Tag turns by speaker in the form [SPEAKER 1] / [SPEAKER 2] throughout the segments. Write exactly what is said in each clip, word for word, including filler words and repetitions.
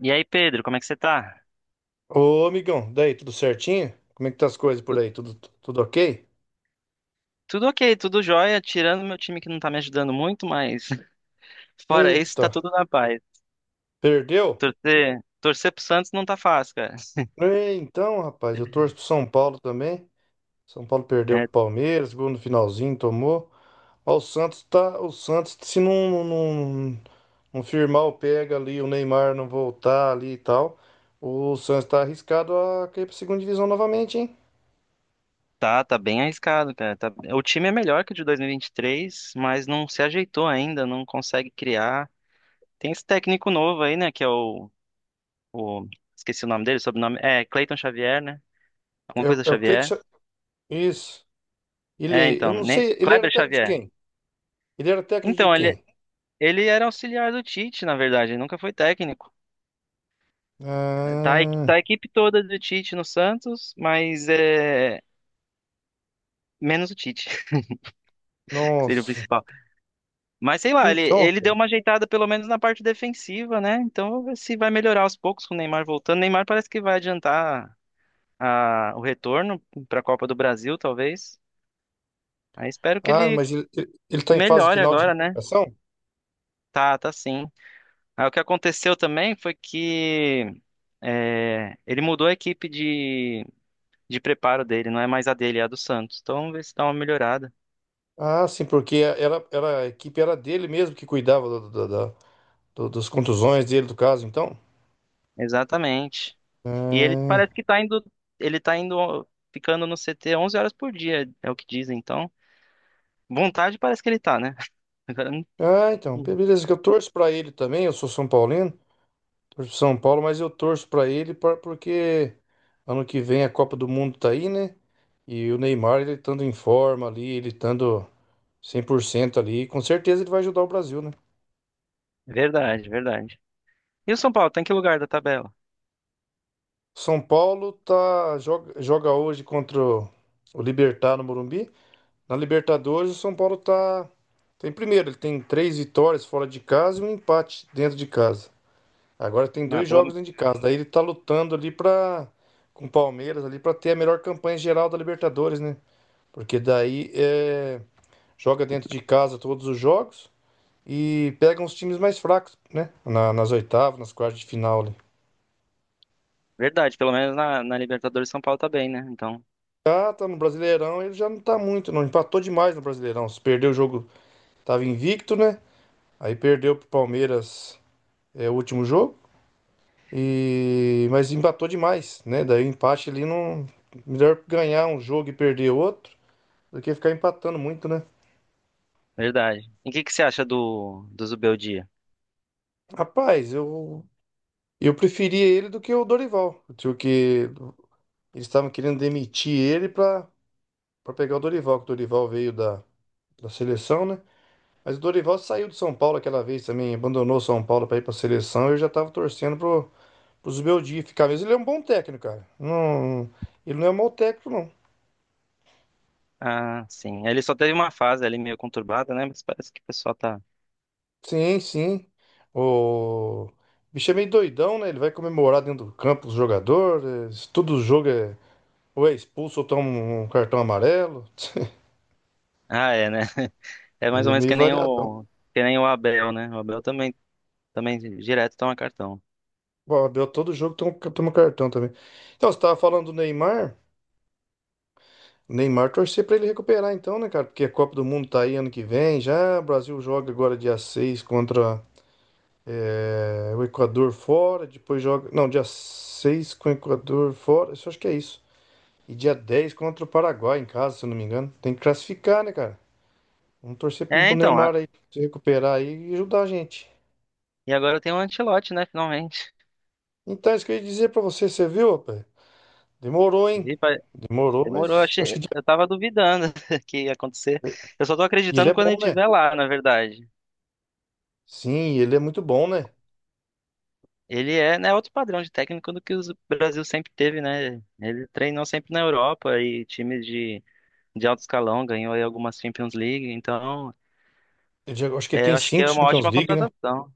[SPEAKER 1] E aí, Pedro, como é que você tá?
[SPEAKER 2] Ô, amigão, daí, tudo certinho? Como é que tá as coisas por
[SPEAKER 1] Tu-
[SPEAKER 2] aí? Tudo, tudo ok?
[SPEAKER 1] Tudo ok, tudo jóia, tirando meu time que não tá me ajudando muito, mas fora isso, tá
[SPEAKER 2] Eita,
[SPEAKER 1] tudo na paz.
[SPEAKER 2] perdeu?
[SPEAKER 1] Torcer, torcer pro Santos não tá fácil, cara.
[SPEAKER 2] É, então, rapaz, eu torço pro São Paulo também. São Paulo perdeu
[SPEAKER 1] É,
[SPEAKER 2] pro Palmeiras, gol no finalzinho, tomou. Ó, o Santos tá, o Santos, se não, não, não firmar o pega ali, o Neymar não voltar ali e tal, o Santos tá arriscado a cair pra segunda divisão novamente, hein?
[SPEAKER 1] tá, tá bem arriscado, cara. Tá- o time é melhor que o de dois mil e vinte e três, mas não se ajeitou ainda, não consegue criar. Tem esse técnico novo aí, né, que é o, o- esqueci o nome dele, sobrenome, é Cleiton Xavier, né? Alguma
[SPEAKER 2] É, o-
[SPEAKER 1] coisa
[SPEAKER 2] é o Cleiton,
[SPEAKER 1] Xavier.
[SPEAKER 2] Cha- isso.
[SPEAKER 1] É,
[SPEAKER 2] Ele, eu
[SPEAKER 1] então,
[SPEAKER 2] não
[SPEAKER 1] né?
[SPEAKER 2] sei, ele era
[SPEAKER 1] Kleber
[SPEAKER 2] técnico de
[SPEAKER 1] Xavier.
[SPEAKER 2] quem? Ele era técnico de
[SPEAKER 1] Então, ele,
[SPEAKER 2] quem?
[SPEAKER 1] ele era auxiliar do Tite, na verdade, ele nunca foi técnico. Tá, a equi-
[SPEAKER 2] Ah.
[SPEAKER 1] tá a equipe toda do Tite no Santos, mas é menos o Tite, que seria o
[SPEAKER 2] Nossa.
[SPEAKER 1] principal. Mas sei lá, ele,
[SPEAKER 2] Então,
[SPEAKER 1] ele deu uma ajeitada pelo menos na parte defensiva, né? Então vamos ver se vai melhorar aos poucos com o Neymar voltando. Neymar parece que vai adiantar a, o retorno para a Copa do Brasil, talvez. Aí espero que
[SPEAKER 2] ah,
[SPEAKER 1] ele
[SPEAKER 2] mas ele, está em fase
[SPEAKER 1] melhore
[SPEAKER 2] final de
[SPEAKER 1] agora, né?
[SPEAKER 2] recuperação?
[SPEAKER 1] Tá, tá sim. Aí o que aconteceu também foi que é, ele mudou a equipe de, de preparo dele, não é mais a dele, é a do Santos. Então vamos ver se dá uma melhorada.
[SPEAKER 2] Ah, sim, porque era, era, a equipe era dele mesmo que cuidava do, do- da- do- das contusões dele, do caso, então.
[SPEAKER 1] Exatamente. E ele
[SPEAKER 2] Ah,
[SPEAKER 1] parece que tá indo, ele tá indo, ó, ficando no C T onze horas por dia, é o que dizem, então. Vontade parece que ele tá, né? Agora, não-
[SPEAKER 2] ah, então,
[SPEAKER 1] Uhum.
[SPEAKER 2] beleza, que eu torço pra ele também, eu sou São Paulino, torço pro São Paulo, mas eu torço pra ele pra- porque ano que vem a Copa do Mundo tá aí, né? E o Neymar, ele estando em forma ali, ele estando cem por cento ali, com certeza ele vai ajudar o Brasil, né?
[SPEAKER 1] Verdade, verdade. E o São Paulo, tá em que lugar da tabela?
[SPEAKER 2] São Paulo tá, joga, joga hoje contra o, o Libertad no Morumbi. Na Libertadores, o São Paulo tá, tá em primeiro. Ele tem três vitórias fora de casa e um empate dentro de casa. Agora tem
[SPEAKER 1] Não,
[SPEAKER 2] dois
[SPEAKER 1] pela,
[SPEAKER 2] jogos dentro de casa. Daí ele tá lutando ali pra, com o Palmeiras ali para ter a melhor campanha geral da Libertadores, né? Porque daí é, joga dentro de casa todos os jogos e pega uns times mais fracos, né? Na- nas oitavas, nas quartas de final ali.
[SPEAKER 1] Verdade, pelo menos na, na Libertadores São Paulo tá bem, né? Então,
[SPEAKER 2] Já tá no Brasileirão, ele já não tá muito, não. Empatou demais no Brasileirão. Se perdeu o jogo, tava invicto, né? Aí perdeu pro Palmeiras, é, o último jogo. E mas empatou demais, né? Daí o empate ali não. Melhor ganhar um jogo e perder outro do que ficar empatando muito, né?
[SPEAKER 1] verdade. E o que que você acha do, do Zubeldia?
[SPEAKER 2] Rapaz, eu. Eu preferia ele do que o Dorival, porque eles estavam querendo demitir ele pra, pra pegar o Dorival, que o Dorival veio da, da seleção, né? Mas o Dorival saiu do São Paulo aquela vez também, abandonou o São Paulo para ir para a seleção. Eu já tava torcendo pro, pro Beldia ficar mesmo. Ele é um bom técnico, cara. Não, ele não é um mau técnico, não.
[SPEAKER 1] Ah, sim. Ele só teve uma fase ali meio conturbada, né? Mas parece que o pessoal tá.
[SPEAKER 2] Sim, sim. O bicho é meio doidão, né? Ele vai comemorar dentro do campo os jogadores. Todo jogo é ou é expulso ou toma um um cartão amarelo.
[SPEAKER 1] Ah, é, né? É mais
[SPEAKER 2] Ele
[SPEAKER 1] ou
[SPEAKER 2] é
[SPEAKER 1] menos
[SPEAKER 2] meio
[SPEAKER 1] que nem
[SPEAKER 2] variadão.
[SPEAKER 1] o, que nem o Abel, né? O Abel também, também direto toma cartão.
[SPEAKER 2] Bom, Abel, todo jogo toma, um, toma um cartão também. Então, você tava falando do Neymar. Neymar torcer pra ele recuperar então, né, cara? Porque a Copa do Mundo tá aí ano que vem já. O Brasil joga agora dia seis contra eh, o Equador fora. Depois joga. Não, dia seis com o Equador fora. Isso acho que é isso. E dia dez contra o Paraguai em casa, se eu não me engano. Tem que classificar, né, cara? Vamos torcer pro
[SPEAKER 1] É,
[SPEAKER 2] pro
[SPEAKER 1] então, a-
[SPEAKER 2] Neymar aí se recuperar aí e ajudar a gente.
[SPEAKER 1] e agora eu tenho um Ancelotti, né, finalmente.
[SPEAKER 2] Então, é isso que eu ia dizer pra você, você viu, rapaz? Demorou, hein?
[SPEAKER 1] Vi, pa-
[SPEAKER 2] Demorou,
[SPEAKER 1] Demorou,
[SPEAKER 2] mas acho
[SPEAKER 1] achei,
[SPEAKER 2] que. Dia-
[SPEAKER 1] eu tava duvidando que ia acontecer. Eu só tô
[SPEAKER 2] E ele
[SPEAKER 1] acreditando
[SPEAKER 2] é
[SPEAKER 1] quando ele
[SPEAKER 2] bom, né?
[SPEAKER 1] estiver lá, na verdade.
[SPEAKER 2] Sim, ele é muito bom, né?
[SPEAKER 1] Ele é, né, outro padrão de técnico do que o Brasil sempre teve, né? Ele treinou sempre na Europa e times de, de alto escalão, ganhou aí algumas Champions League, então
[SPEAKER 2] Ele já- acho que ele
[SPEAKER 1] é,
[SPEAKER 2] tem
[SPEAKER 1] eu acho que
[SPEAKER 2] cinco
[SPEAKER 1] é uma
[SPEAKER 2] Champions
[SPEAKER 1] ótima
[SPEAKER 2] League, né?
[SPEAKER 1] contratação.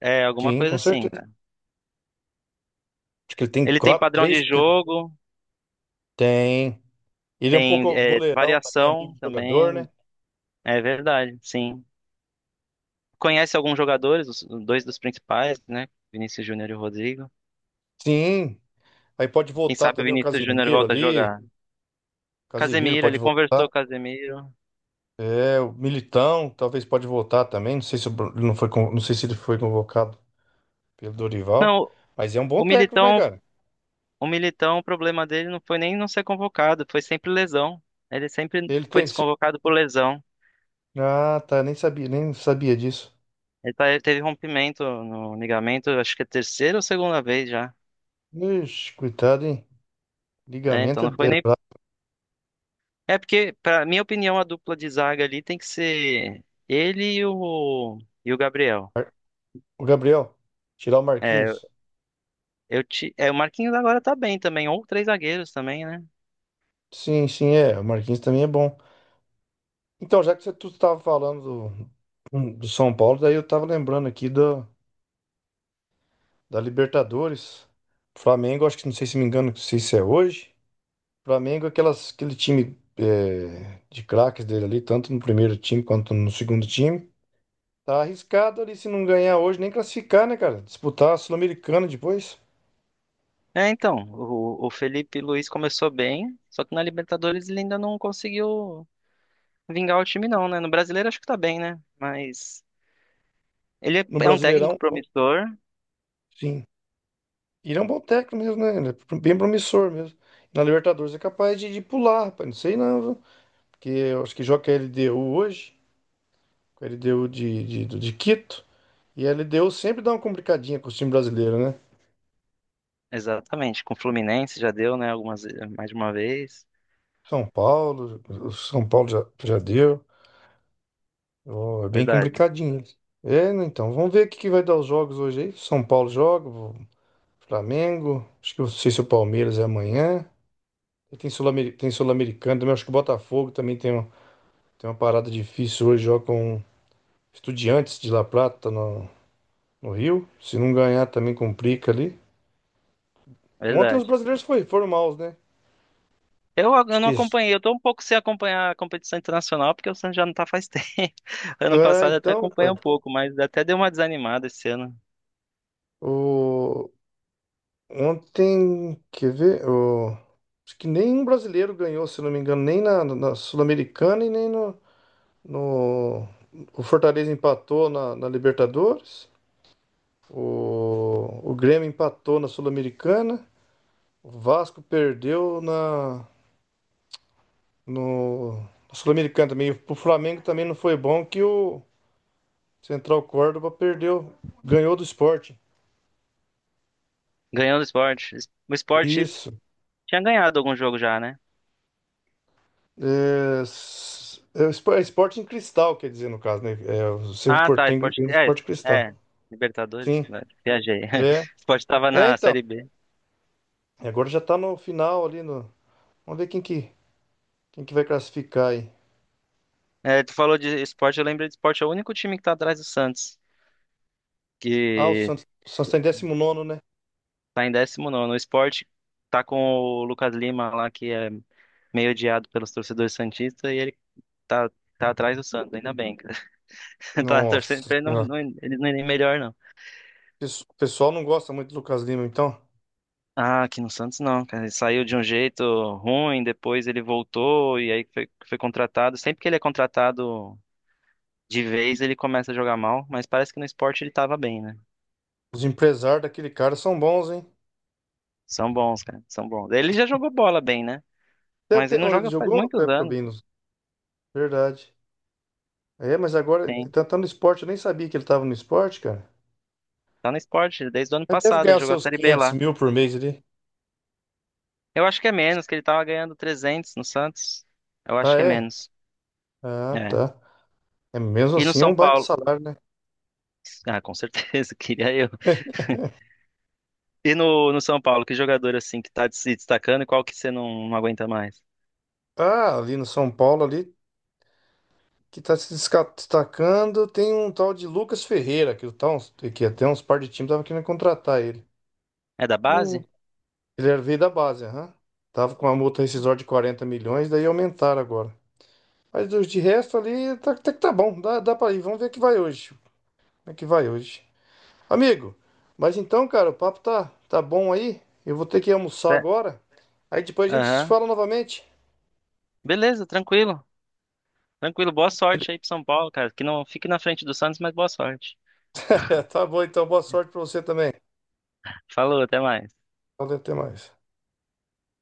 [SPEAKER 1] É, alguma
[SPEAKER 2] Sim,
[SPEAKER 1] coisa
[SPEAKER 2] com
[SPEAKER 1] assim,
[SPEAKER 2] certeza.
[SPEAKER 1] cara.
[SPEAKER 2] Acho que ele tem
[SPEAKER 1] Ele tem
[SPEAKER 2] quatro,
[SPEAKER 1] padrão de
[SPEAKER 2] três. Pe-
[SPEAKER 1] jogo,
[SPEAKER 2] Tem. Ele é um
[SPEAKER 1] tem
[SPEAKER 2] pouco
[SPEAKER 1] é,
[SPEAKER 2] boleirão também, amigo
[SPEAKER 1] variação
[SPEAKER 2] de jogador,
[SPEAKER 1] também,
[SPEAKER 2] né?
[SPEAKER 1] é verdade, sim. Conhece alguns jogadores, os dois dos principais, né? Vinícius Júnior e o Rodrigo.
[SPEAKER 2] Sim. Aí pode
[SPEAKER 1] Quem
[SPEAKER 2] voltar
[SPEAKER 1] sabe o
[SPEAKER 2] também o
[SPEAKER 1] Vinícius Júnior
[SPEAKER 2] Casimiro
[SPEAKER 1] volta a
[SPEAKER 2] ali.
[SPEAKER 1] jogar.
[SPEAKER 2] Casimiro
[SPEAKER 1] Casemiro, ele
[SPEAKER 2] pode
[SPEAKER 1] conversou com o
[SPEAKER 2] voltar.
[SPEAKER 1] Casemiro.
[SPEAKER 2] É, o Militão talvez pode voltar também. Não sei se o Bru- ele não foi, con- não sei se ele foi convocado pelo Dorival.
[SPEAKER 1] Não,
[SPEAKER 2] Mas é um bom
[SPEAKER 1] o
[SPEAKER 2] técnico, né,
[SPEAKER 1] Militão,
[SPEAKER 2] cara?
[SPEAKER 1] o Militão, o problema dele não foi nem não ser convocado, foi sempre lesão. Ele sempre
[SPEAKER 2] Ele
[SPEAKER 1] foi
[SPEAKER 2] tem. Sim.
[SPEAKER 1] desconvocado por lesão.
[SPEAKER 2] Ah, tá. Nem sabia, nem sabia disso.
[SPEAKER 1] Ele tá- ele teve rompimento no ligamento, acho que é a terceira ou segunda vez já.
[SPEAKER 2] Ixi, coitado, hein?
[SPEAKER 1] É, então
[SPEAKER 2] Ligamento é.
[SPEAKER 1] não foi
[SPEAKER 2] é
[SPEAKER 1] nem.
[SPEAKER 2] brabo.
[SPEAKER 1] É porque, pra minha opinião, a dupla de zaga ali tem que ser ele e o, e o Gabriel.
[SPEAKER 2] O Gabriel, tirar o
[SPEAKER 1] É,
[SPEAKER 2] Marquinhos.
[SPEAKER 1] Eu te... É, o Marquinhos agora tá bem também, ou três zagueiros também, né?
[SPEAKER 2] Sim, sim, é. O Marquinhos também é bom. Então, já que você tu estava falando do, hum, do São Paulo, daí eu estava lembrando aqui da da Libertadores. Flamengo, acho que não sei se me engano, não sei se é hoje. Flamengo, é aquelas, aquele time é, de craques dele ali, tanto no primeiro time quanto no segundo time. Tá arriscado ali se não ganhar hoje, nem classificar, né, cara? Disputar a Sul-Americana depois,
[SPEAKER 1] É, então, o, o Felipe Luiz começou bem, só que na Libertadores ele ainda não conseguiu vingar o time não, né? No Brasileiro acho que tá bem, né? Mas ele é,
[SPEAKER 2] no
[SPEAKER 1] é um técnico
[SPEAKER 2] Brasileirão,
[SPEAKER 1] promissor,
[SPEAKER 2] sim. Ele é um bom técnico mesmo, né? Ele é bem promissor mesmo. Na Libertadores é capaz de, de pular, rapaz. Não sei não, viu? Porque eu acho que joga a L D U hoje. Ele deu de, de, do- de Quito. E ele deu sempre dá uma complicadinha com o time brasileiro, né?
[SPEAKER 1] exatamente, com o Fluminense já deu, né, algumas mais de uma vez.
[SPEAKER 2] São Paulo, o São Paulo já, já deu. Ó, é bem
[SPEAKER 1] Verdade,
[SPEAKER 2] complicadinho. É, né, então, vamos ver o que que vai dar os jogos hoje aí. São Paulo joga, o Flamengo. Acho que eu não sei se o Palmeiras é amanhã. E tem Sul-Ameri- tem Sul-Americano também. Acho que o Botafogo também tem, um- tem uma parada difícil hoje. Joga com Estudiantes de La Plata no, no Rio. Se não ganhar, também complica ali. Ontem os
[SPEAKER 1] verdade.
[SPEAKER 2] brasileiros foi, foram maus, né?
[SPEAKER 1] Eu, eu
[SPEAKER 2] Acho
[SPEAKER 1] não
[SPEAKER 2] que
[SPEAKER 1] acompanhei, eu tô um pouco sem acompanhar a competição internacional, porque o Santos já não tá faz tempo. Ano
[SPEAKER 2] ah,
[SPEAKER 1] passado eu até
[SPEAKER 2] então,
[SPEAKER 1] acompanhei
[SPEAKER 2] pai,
[SPEAKER 1] um pouco, mas até deu uma desanimada esse ano.
[SPEAKER 2] o ontem, quer ver? O... Acho que nenhum brasileiro ganhou, se não me engano, nem na, na Sul-Americana e nem no, no O Fortaleza empatou na, na Libertadores, o... o Grêmio empatou na Sul-Americana, o Vasco perdeu na, no... na Sul-Americana também. E o Flamengo também não foi bom, que o Central Córdoba perdeu, ganhou do Sport.
[SPEAKER 1] Ganhando o esporte. O esporte
[SPEAKER 2] Isso.
[SPEAKER 1] tinha ganhado algum jogo já, né?
[SPEAKER 2] É, s- é espo- é esporte em cristal, quer dizer, no caso, né? É, o Cerro
[SPEAKER 1] Ah, tá.
[SPEAKER 2] Porteño
[SPEAKER 1] Esporte.
[SPEAKER 2] tem
[SPEAKER 1] É,
[SPEAKER 2] esporte em cristal.
[SPEAKER 1] é. Libertadores?
[SPEAKER 2] Sim,
[SPEAKER 1] Né, viajei.
[SPEAKER 2] é.
[SPEAKER 1] Esporte tava
[SPEAKER 2] É,
[SPEAKER 1] na
[SPEAKER 2] então.
[SPEAKER 1] Série B.
[SPEAKER 2] E agora já tá no final ali no vamos ver quem que, quem que vai classificar aí.
[SPEAKER 1] É, tu falou de esporte, eu lembro de esporte. É o único time que tá atrás do Santos,
[SPEAKER 2] Ah, o
[SPEAKER 1] que
[SPEAKER 2] Santos, o Santos tá em décimo nono, né?
[SPEAKER 1] tá em dezenove. O esporte tá com o Lucas Lima lá, que é meio odiado pelos torcedores santistas, e ele tá, tá atrás do Santos, ainda bem. Cara. Tá torcendo
[SPEAKER 2] Nossa
[SPEAKER 1] pra ele não,
[SPEAKER 2] Senhora.
[SPEAKER 1] não, ele não ir melhor, não.
[SPEAKER 2] Pes- O pessoal não gosta muito do Lucas Lima, então.
[SPEAKER 1] Ah, aqui no Santos não, cara. Ele saiu de um jeito ruim, depois ele voltou e aí foi, foi contratado. Sempre que ele é contratado de vez, ele começa a jogar mal, mas parece que no esporte ele tava bem, né?
[SPEAKER 2] Os empresários daquele cara são bons, hein?
[SPEAKER 1] São bons, cara, são bons. Ele já jogou bola bem, né?
[SPEAKER 2] Até,
[SPEAKER 1] Mas ele
[SPEAKER 2] até-
[SPEAKER 1] não
[SPEAKER 2] oh, ele
[SPEAKER 1] joga faz
[SPEAKER 2] jogou até
[SPEAKER 1] muitos
[SPEAKER 2] pro
[SPEAKER 1] anos.
[SPEAKER 2] Binos. Verdade. É, mas agora,
[SPEAKER 1] Sim,
[SPEAKER 2] tá, tá no esporte, eu nem sabia que ele tava no esporte, cara.
[SPEAKER 1] tá no esporte desde o ano
[SPEAKER 2] Ele deve
[SPEAKER 1] passado,
[SPEAKER 2] ganhar
[SPEAKER 1] ele
[SPEAKER 2] os
[SPEAKER 1] jogou a
[SPEAKER 2] seus
[SPEAKER 1] Série B
[SPEAKER 2] quinhentos
[SPEAKER 1] lá.
[SPEAKER 2] mil por mês ali.
[SPEAKER 1] Eu acho que é menos, que ele tava ganhando trezentos no Santos. Eu
[SPEAKER 2] Ah,
[SPEAKER 1] acho que é
[SPEAKER 2] é?
[SPEAKER 1] menos.
[SPEAKER 2] Ah,
[SPEAKER 1] É.
[SPEAKER 2] tá. É mesmo
[SPEAKER 1] E no
[SPEAKER 2] assim, é
[SPEAKER 1] São
[SPEAKER 2] um baita
[SPEAKER 1] Paulo?
[SPEAKER 2] salário, né?
[SPEAKER 1] Ah, com certeza, queria eu. E no, no São Paulo, que jogador assim que tá se destacando e qual que você não, não aguenta mais?
[SPEAKER 2] Ah, ali no São Paulo, ali, que tá se desca- destacando, tem um tal de Lucas Ferreira, que, o tal, que até uns par de times estavam querendo contratar ele.
[SPEAKER 1] É da
[SPEAKER 2] No,
[SPEAKER 1] base?
[SPEAKER 2] ele era- veio da base, aham. Tava com uma multa rescisória de quarenta milhões, daí aumentaram agora. Mas dos de resto ali, tá, até que tá bom, dá, dá pra ir. Vamos ver o que vai hoje. Como é que vai hoje. Amigo, mas então, cara, o papo tá, tá bom aí. Eu vou ter que almoçar
[SPEAKER 1] É.
[SPEAKER 2] agora. Aí depois a gente se
[SPEAKER 1] Aham.
[SPEAKER 2] fala novamente.
[SPEAKER 1] Beleza, tranquilo. Tranquilo, boa sorte aí pro São Paulo, cara. Que não fique na frente do Santos, mas boa sorte.
[SPEAKER 2] É, tá bom, então. Boa sorte pra você também.
[SPEAKER 1] Falou, até mais.
[SPEAKER 2] Então, até mais.